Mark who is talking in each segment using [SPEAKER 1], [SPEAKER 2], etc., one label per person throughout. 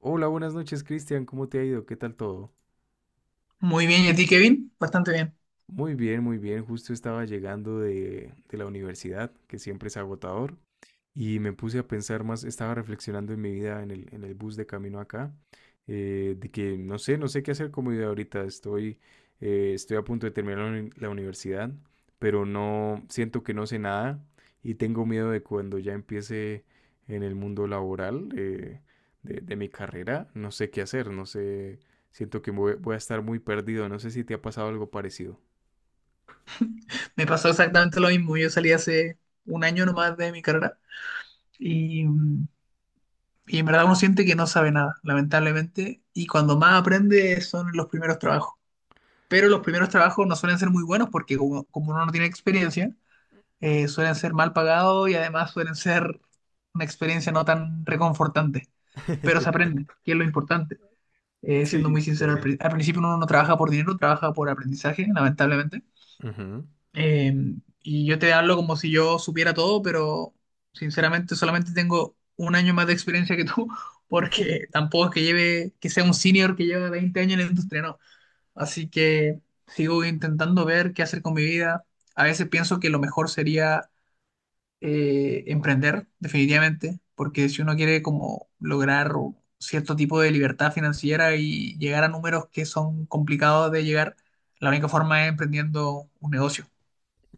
[SPEAKER 1] Hola, buenas noches, Cristian. ¿Cómo te ha ido? ¿Qué tal todo?
[SPEAKER 2] Muy bien, ¿y a ti, Kevin? Bastante bien.
[SPEAKER 1] Muy bien, muy bien. Justo estaba llegando de la universidad, que siempre es agotador, y me puse a pensar más, estaba reflexionando en mi vida en el bus de camino acá, de que no sé qué hacer con mi vida ahorita. Estoy a punto de terminar la la universidad, pero no siento que no sé nada y tengo miedo de cuando ya empiece en el mundo laboral, de mi carrera, no sé qué hacer, no sé, siento que me voy a estar muy perdido. No sé si te ha pasado algo parecido.
[SPEAKER 2] Me pasó exactamente lo mismo. Yo salí hace 1 año nomás de mi carrera y, mm, y en verdad uno siente que no sabe nada, lamentablemente. Y cuando más aprende son los primeros trabajos. Pero los primeros trabajos no suelen ser muy buenos porque como, como uno no tiene experiencia, suelen ser mal pagados y además suelen ser una experiencia no tan reconfortante. Pero se aprende, que es lo importante. Siendo
[SPEAKER 1] Sí,
[SPEAKER 2] muy sincero, al,
[SPEAKER 1] claro.
[SPEAKER 2] pri- al principio uno no trabaja por dinero, trabaja por aprendizaje, lamentablemente.
[SPEAKER 1] Ujú.
[SPEAKER 2] Eh, y yo te hablo como si yo supiera todo, pero sinceramente solamente tengo 1 año más de experiencia que tú, porque tampoco es que lleve, que sea un senior que lleva 20 años en la industria, no. Así que sigo intentando ver qué hacer con mi vida. A veces pienso que lo mejor sería emprender, definitivamente, porque si uno quiere como lograr cierto tipo de libertad financiera y llegar a números que son complicados de llegar, la única forma es emprendiendo un negocio,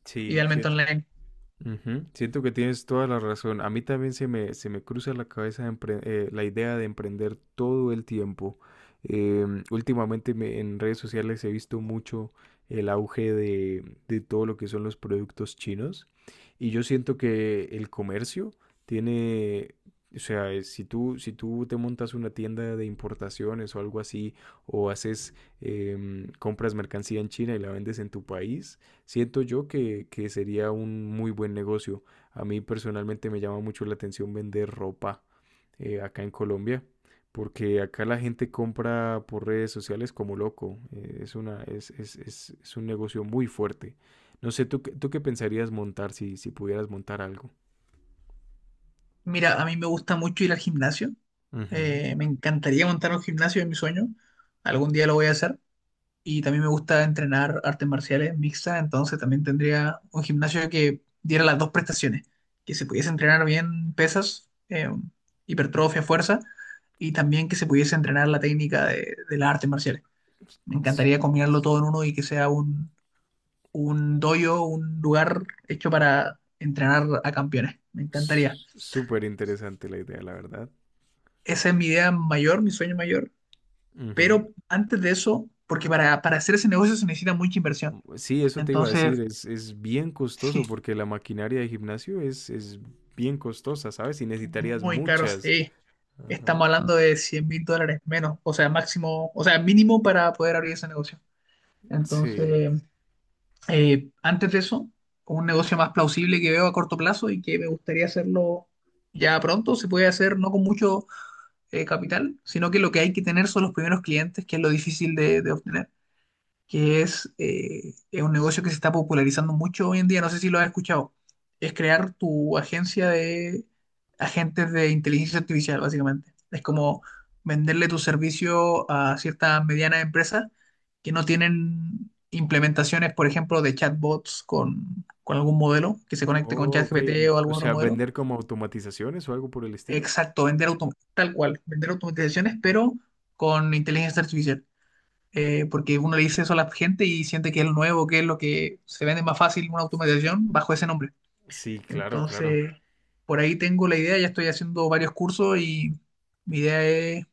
[SPEAKER 1] Sí,
[SPEAKER 2] idealmente
[SPEAKER 1] sí,
[SPEAKER 2] online.
[SPEAKER 1] Ujú, siento que tienes toda la razón. A mí también se me cruza la cabeza la idea de emprender todo el tiempo. Últimamente en redes sociales he visto mucho el auge de todo lo que son los productos chinos, y yo siento que el comercio tiene, o sea, si tú te montas una tienda de importaciones o algo así o haces, em, compras mercancía en China y la vendes en tu país. Siento yo que sería un muy buen negocio. A mí personalmente me llama mucho la atención vender ropa, acá en Colombia, porque acá la gente compra por redes sociales como loco. Es una, es un negocio muy fuerte. No sé, ¿ tú qué pensarías montar si pudieras montar algo?
[SPEAKER 2] Mira, a mí me gusta mucho ir al gimnasio.
[SPEAKER 1] Ujú.
[SPEAKER 2] Me encantaría montar un gimnasio en mi sueño. Algún día lo voy a hacer. Y también me gusta entrenar artes marciales mixtas, entonces también tendría un gimnasio que diera las dos prestaciones, que se pudiese entrenar bien pesas, hipertrofia, fuerza, y también que se pudiese entrenar la técnica de las artes marciales. Me
[SPEAKER 1] S-
[SPEAKER 2] encantaría combinarlo todo en uno y que sea un dojo, un lugar hecho para entrenar a campeones. Me encantaría.
[SPEAKER 1] Súper interesante la idea, la verdad.
[SPEAKER 2] Esa es mi idea mayor, mi sueño mayor.
[SPEAKER 1] Ujú.
[SPEAKER 2] Pero antes de eso, porque para hacer ese negocio se necesita mucha inversión.
[SPEAKER 1] Sí, eso te iba a
[SPEAKER 2] Entonces,
[SPEAKER 1] decir, es bien costoso
[SPEAKER 2] sí,
[SPEAKER 1] porque la maquinaria de gimnasio es bien costosa, ¿sabes? Y necesitarías
[SPEAKER 2] muy caro,
[SPEAKER 1] muchas.
[SPEAKER 2] sí.
[SPEAKER 1] Ajá.
[SPEAKER 2] Estamos hablando de $100.000 menos, o sea, máximo, o sea, mínimo para poder abrir ese negocio.
[SPEAKER 1] Sí.
[SPEAKER 2] Entonces, antes de eso, un negocio más plausible que veo a corto plazo y que me gustaría hacerlo ya pronto, se puede hacer no con mucho capital, sino que lo que hay que tener son los primeros clientes, que es lo difícil de obtener. Que es un negocio que se está popularizando mucho hoy en día, no sé si lo has escuchado, es crear tu agencia de agentes de inteligencia artificial, básicamente. Es como venderle tu servicio a ciertas medianas empresas que no tienen implementaciones, por ejemplo, de chatbots con algún modelo que se conecte con
[SPEAKER 1] Oh, ok.
[SPEAKER 2] ChatGPT o
[SPEAKER 1] O
[SPEAKER 2] algún otro
[SPEAKER 1] sea,
[SPEAKER 2] modelo.
[SPEAKER 1] vender como automatizaciones o algo por el estilo.
[SPEAKER 2] Exacto, tal cual, vender automatizaciones, pero con inteligencia artificial, porque uno le dice eso a la gente y siente que es lo nuevo, que es lo que se vende más fácil una automatización bajo ese nombre.
[SPEAKER 1] Sí, claro, claro.
[SPEAKER 2] Entonces, por ahí tengo la idea, ya estoy haciendo varios cursos y mi idea es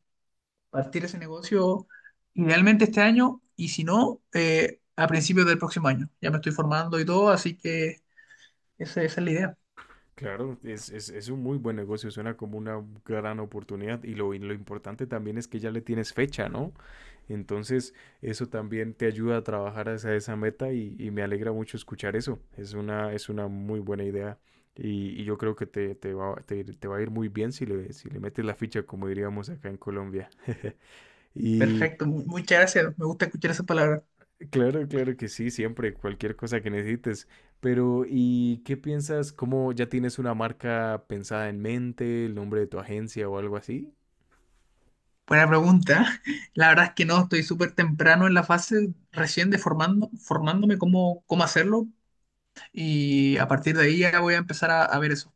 [SPEAKER 2] partir ese negocio idealmente este año y si no, a principios del próximo año. Ya me estoy formando y todo, así que esa es la idea.
[SPEAKER 1] Claro, es un muy buen negocio, suena como una gran oportunidad y lo importante también es que ya le tienes fecha, ¿no? Entonces, eso también te ayuda a trabajar hacia esa meta y me alegra mucho escuchar eso. Es una muy buena idea y yo creo que te va a ir muy bien si le metes la ficha, como diríamos acá en Colombia. Y,
[SPEAKER 2] Perfecto, muchas gracias, me gusta escuchar esas palabras.
[SPEAKER 1] claro, claro que sí, siempre, cualquier cosa que necesites. Pero, ¿y qué piensas? ¿Cómo? ¿Ya tienes una marca pensada en mente, el nombre de tu agencia o algo así?
[SPEAKER 2] Buena pregunta. La verdad es que no, estoy súper temprano en la fase, recién de formando, formándome cómo, cómo hacerlo, y a partir de ahí ya voy a empezar a ver eso.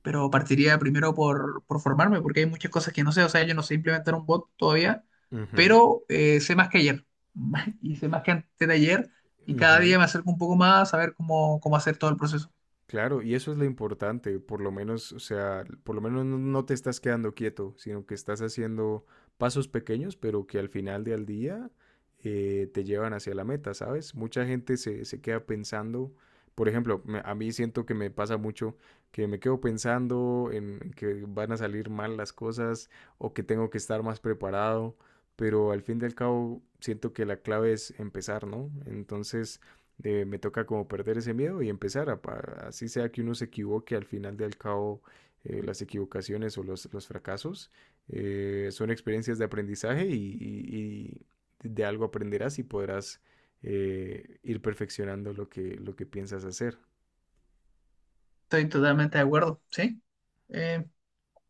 [SPEAKER 2] Pero partiría primero por formarme, porque hay muchas cosas que no sé. O sea, yo no sé implementar un bot todavía,
[SPEAKER 1] Ujú,
[SPEAKER 2] pero sé más que ayer. Y sé más que antes de ayer. Y cada
[SPEAKER 1] ujú.
[SPEAKER 2] día me acerco un poco más a ver cómo, cómo hacer todo el proceso.
[SPEAKER 1] Claro, y eso es lo importante, por lo menos, o sea, por lo menos no te estás quedando quieto, sino que estás haciendo pasos pequeños, pero que al final del día, te llevan hacia la meta, ¿sabes? Mucha gente se queda pensando, por ejemplo, a mí siento que me pasa mucho, que me quedo pensando en que van a salir mal las cosas o que tengo que estar más preparado, pero al fin y al cabo siento que la clave es empezar, ¿no? Entonces, me toca como perder ese miedo y empezar a, así sea que uno se equivoque, al final del cabo, las equivocaciones o los fracasos, son experiencias de aprendizaje y y de algo aprenderás y podrás, ir perfeccionando lo que piensas hacer.
[SPEAKER 2] Estoy totalmente de acuerdo, ¿sí? Eh,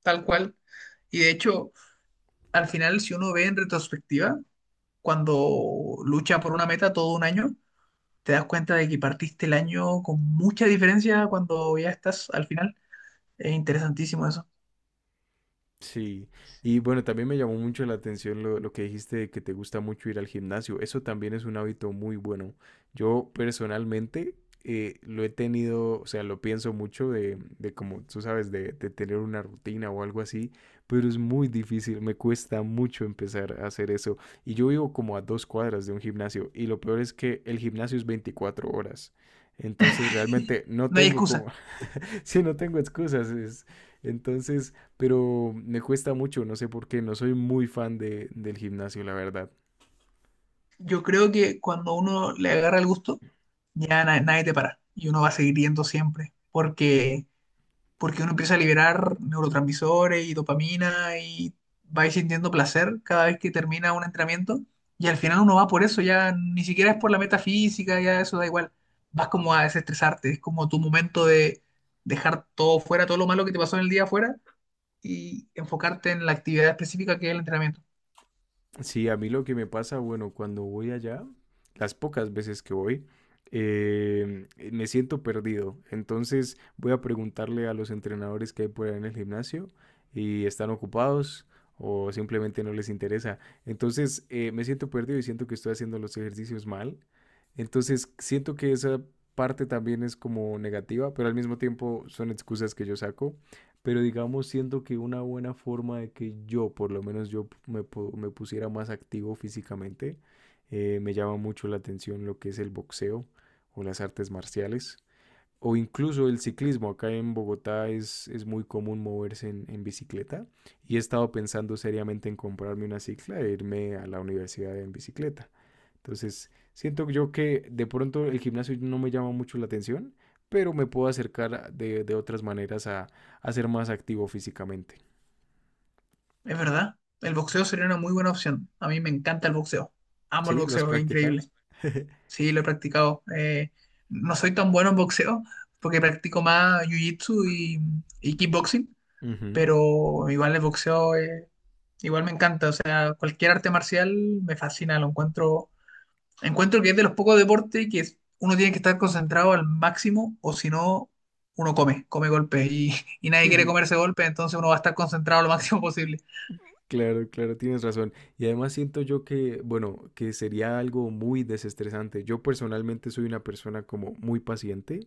[SPEAKER 2] Tal cual. Y de hecho, al final, si uno ve en retrospectiva, cuando lucha por una meta todo un año, te das cuenta de que partiste el año con mucha diferencia cuando ya estás al final. Es interesantísimo eso.
[SPEAKER 1] Sí, y bueno, también me llamó mucho la atención lo que dijiste de que te gusta mucho ir al gimnasio. Eso también es un hábito muy bueno. Yo personalmente, lo he tenido, o sea, lo pienso mucho de como tú sabes, de tener una rutina o algo así, pero es muy difícil, me cuesta mucho empezar a hacer eso. Y yo vivo como a dos cuadras de un gimnasio, y lo peor es que el gimnasio es 24 horas. Entonces realmente no
[SPEAKER 2] No hay
[SPEAKER 1] tengo como,
[SPEAKER 2] excusa.
[SPEAKER 1] sí, no tengo excusas. Es, entonces, pero me cuesta mucho, no sé por qué, no soy muy fan del gimnasio, la verdad.
[SPEAKER 2] Yo creo que cuando uno le agarra el gusto, ya nadie te para. Y uno va a seguir yendo siempre. Porque uno empieza a liberar neurotransmisores y dopamina y va sintiendo placer cada vez que termina un entrenamiento. Y al final uno va por eso, ya ni siquiera es por la metafísica, ya eso da igual. Vas como a desestresarte, es como tu momento de dejar todo fuera, todo lo malo que te pasó en el día fuera y enfocarte en la actividad específica que es el entrenamiento.
[SPEAKER 1] Sí, a mí lo que me pasa, bueno, cuando voy allá, las pocas veces que voy, eh, me siento perdido. Entonces voy a preguntarle a los entrenadores que hay por ahí en el gimnasio, y están ocupados o simplemente no les interesa. Entonces, me siento perdido y siento que estoy haciendo los ejercicios mal. Entonces siento que esa parte también es como negativa, pero al mismo tiempo son excusas que yo saco. Pero digamos, siento que una buena forma de que yo, por lo menos yo me pusiera más activo físicamente, me llama mucho la atención lo que es el boxeo o las artes marciales o incluso el ciclismo. Acá en Bogotá es muy común moverse en bicicleta, y he estado pensando seriamente en comprarme una cicla e irme a la universidad en bicicleta. Entonces, siento yo que de pronto el gimnasio no me llama mucho la atención, pero me puedo acercar de otras maneras a ser más activo físicamente.
[SPEAKER 2] Es verdad, el boxeo sería una muy buena opción. A mí me encanta el boxeo. Amo el
[SPEAKER 1] Sí, lo has
[SPEAKER 2] boxeo, es
[SPEAKER 1] practicado.
[SPEAKER 2] increíble. Sí, lo he practicado. No soy tan bueno en boxeo porque practico más jiu-jitsu y kickboxing,
[SPEAKER 1] Ujú.
[SPEAKER 2] pero igual el boxeo, igual me encanta. O sea, cualquier arte marcial me fascina, lo encuentro. Encuentro que es de los pocos deportes uno tiene que estar concentrado al máximo o si no, uno come golpes y nadie quiere comerse golpes, entonces uno va a estar concentrado lo máximo posible.
[SPEAKER 1] Claro, claro, tienes razón. Y además siento yo que, bueno, que sería algo muy desestresante. Yo personalmente soy una persona como muy paciente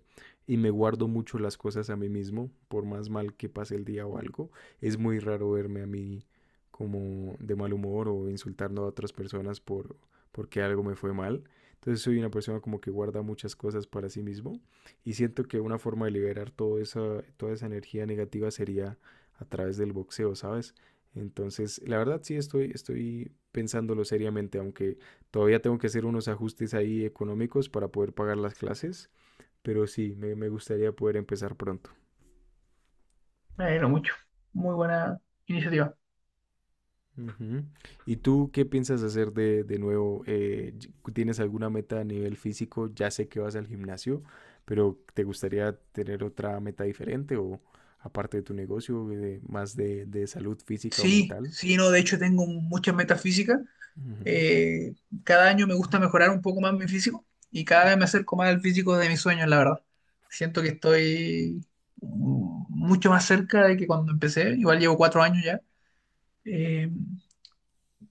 [SPEAKER 1] y me guardo mucho las cosas a mí mismo, por más mal que pase el día o algo. Es muy raro verme a mí como de mal humor o insultando a otras personas porque algo me fue mal. Entonces soy una persona como que guarda muchas cosas para sí mismo, y siento que una forma de liberar toda esa energía negativa sería a través del boxeo, ¿sabes? Entonces, la verdad sí estoy pensándolo seriamente, aunque todavía tengo que hacer unos ajustes ahí económicos para poder pagar las clases, pero sí, me gustaría poder empezar pronto.
[SPEAKER 2] Bueno, mucho. Muy buena iniciativa.
[SPEAKER 1] Ujú. ¿Y tú qué piensas hacer de nuevo? ¿Tienes alguna meta a nivel físico? Ya sé que vas al gimnasio, pero ¿te gustaría tener otra meta diferente o aparte de tu negocio, más de salud física o
[SPEAKER 2] Sí,
[SPEAKER 1] mental?
[SPEAKER 2] sí, no, de hecho tengo muchas metas físicas.
[SPEAKER 1] Ujú.
[SPEAKER 2] Eh, Cada año me gusta mejorar un poco más mi físico y cada vez me acerco más al físico de mis sueños, la verdad. Siento que estoy, mucho más cerca de que cuando empecé, igual llevo 4 años ya. Eh,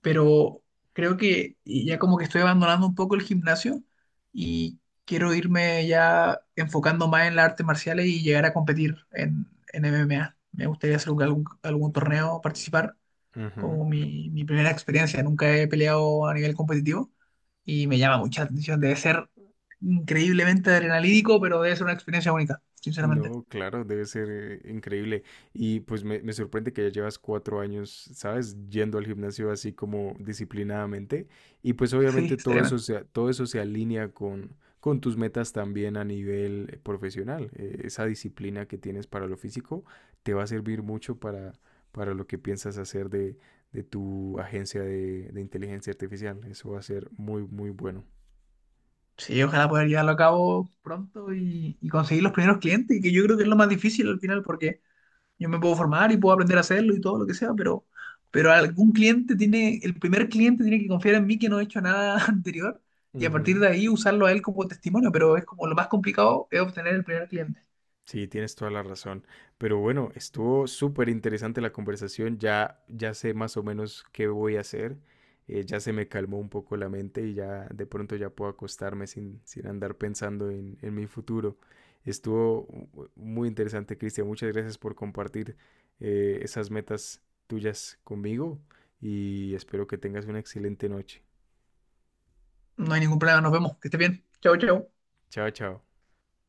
[SPEAKER 2] pero creo que ya como que estoy abandonando un poco el gimnasio y quiero irme ya enfocando más en las artes marciales y llegar a competir en MMA. Me gustaría hacer algún, algún torneo, participar,
[SPEAKER 1] Ujú.
[SPEAKER 2] como mi primera experiencia. Nunca he peleado a nivel competitivo y me llama mucha atención. Debe ser increíblemente adrenalídico, pero debe ser una experiencia única, sinceramente.
[SPEAKER 1] No, claro, debe ser, increíble. Y pues me sorprende que ya llevas 4 años, ¿sabes? Yendo al gimnasio así como disciplinadamente. Y pues
[SPEAKER 2] Sí,
[SPEAKER 1] obviamente
[SPEAKER 2] seriamente.
[SPEAKER 1] todo eso se alinea con tus metas también a nivel, profesional. Esa disciplina que tienes para lo físico te va a servir mucho para lo que piensas hacer de tu agencia de inteligencia artificial. Eso va a ser muy, muy bueno.
[SPEAKER 2] Sí, ojalá poder llevarlo a cabo pronto y conseguir los primeros clientes, que yo creo que es lo más difícil al final, porque yo me puedo formar y puedo aprender a hacerlo y todo lo que sea, pero algún cliente tiene, el primer cliente tiene que confiar en mí que no he hecho nada anterior y a partir
[SPEAKER 1] Ujú.
[SPEAKER 2] de ahí usarlo a él como testimonio, pero es como lo más complicado es obtener el primer cliente.
[SPEAKER 1] Sí, tienes toda la razón. Pero bueno, estuvo súper interesante la conversación. Ya sé más o menos qué voy a hacer. Ya se me calmó un poco la mente y ya de pronto ya puedo acostarme sin andar pensando en mi futuro. Estuvo muy interesante, Cristian. Muchas gracias por compartir, esas metas tuyas conmigo, y espero que tengas una excelente noche.
[SPEAKER 2] No hay ningún problema, nos vemos, que esté bien. Chao, chao.
[SPEAKER 1] Chao, chao.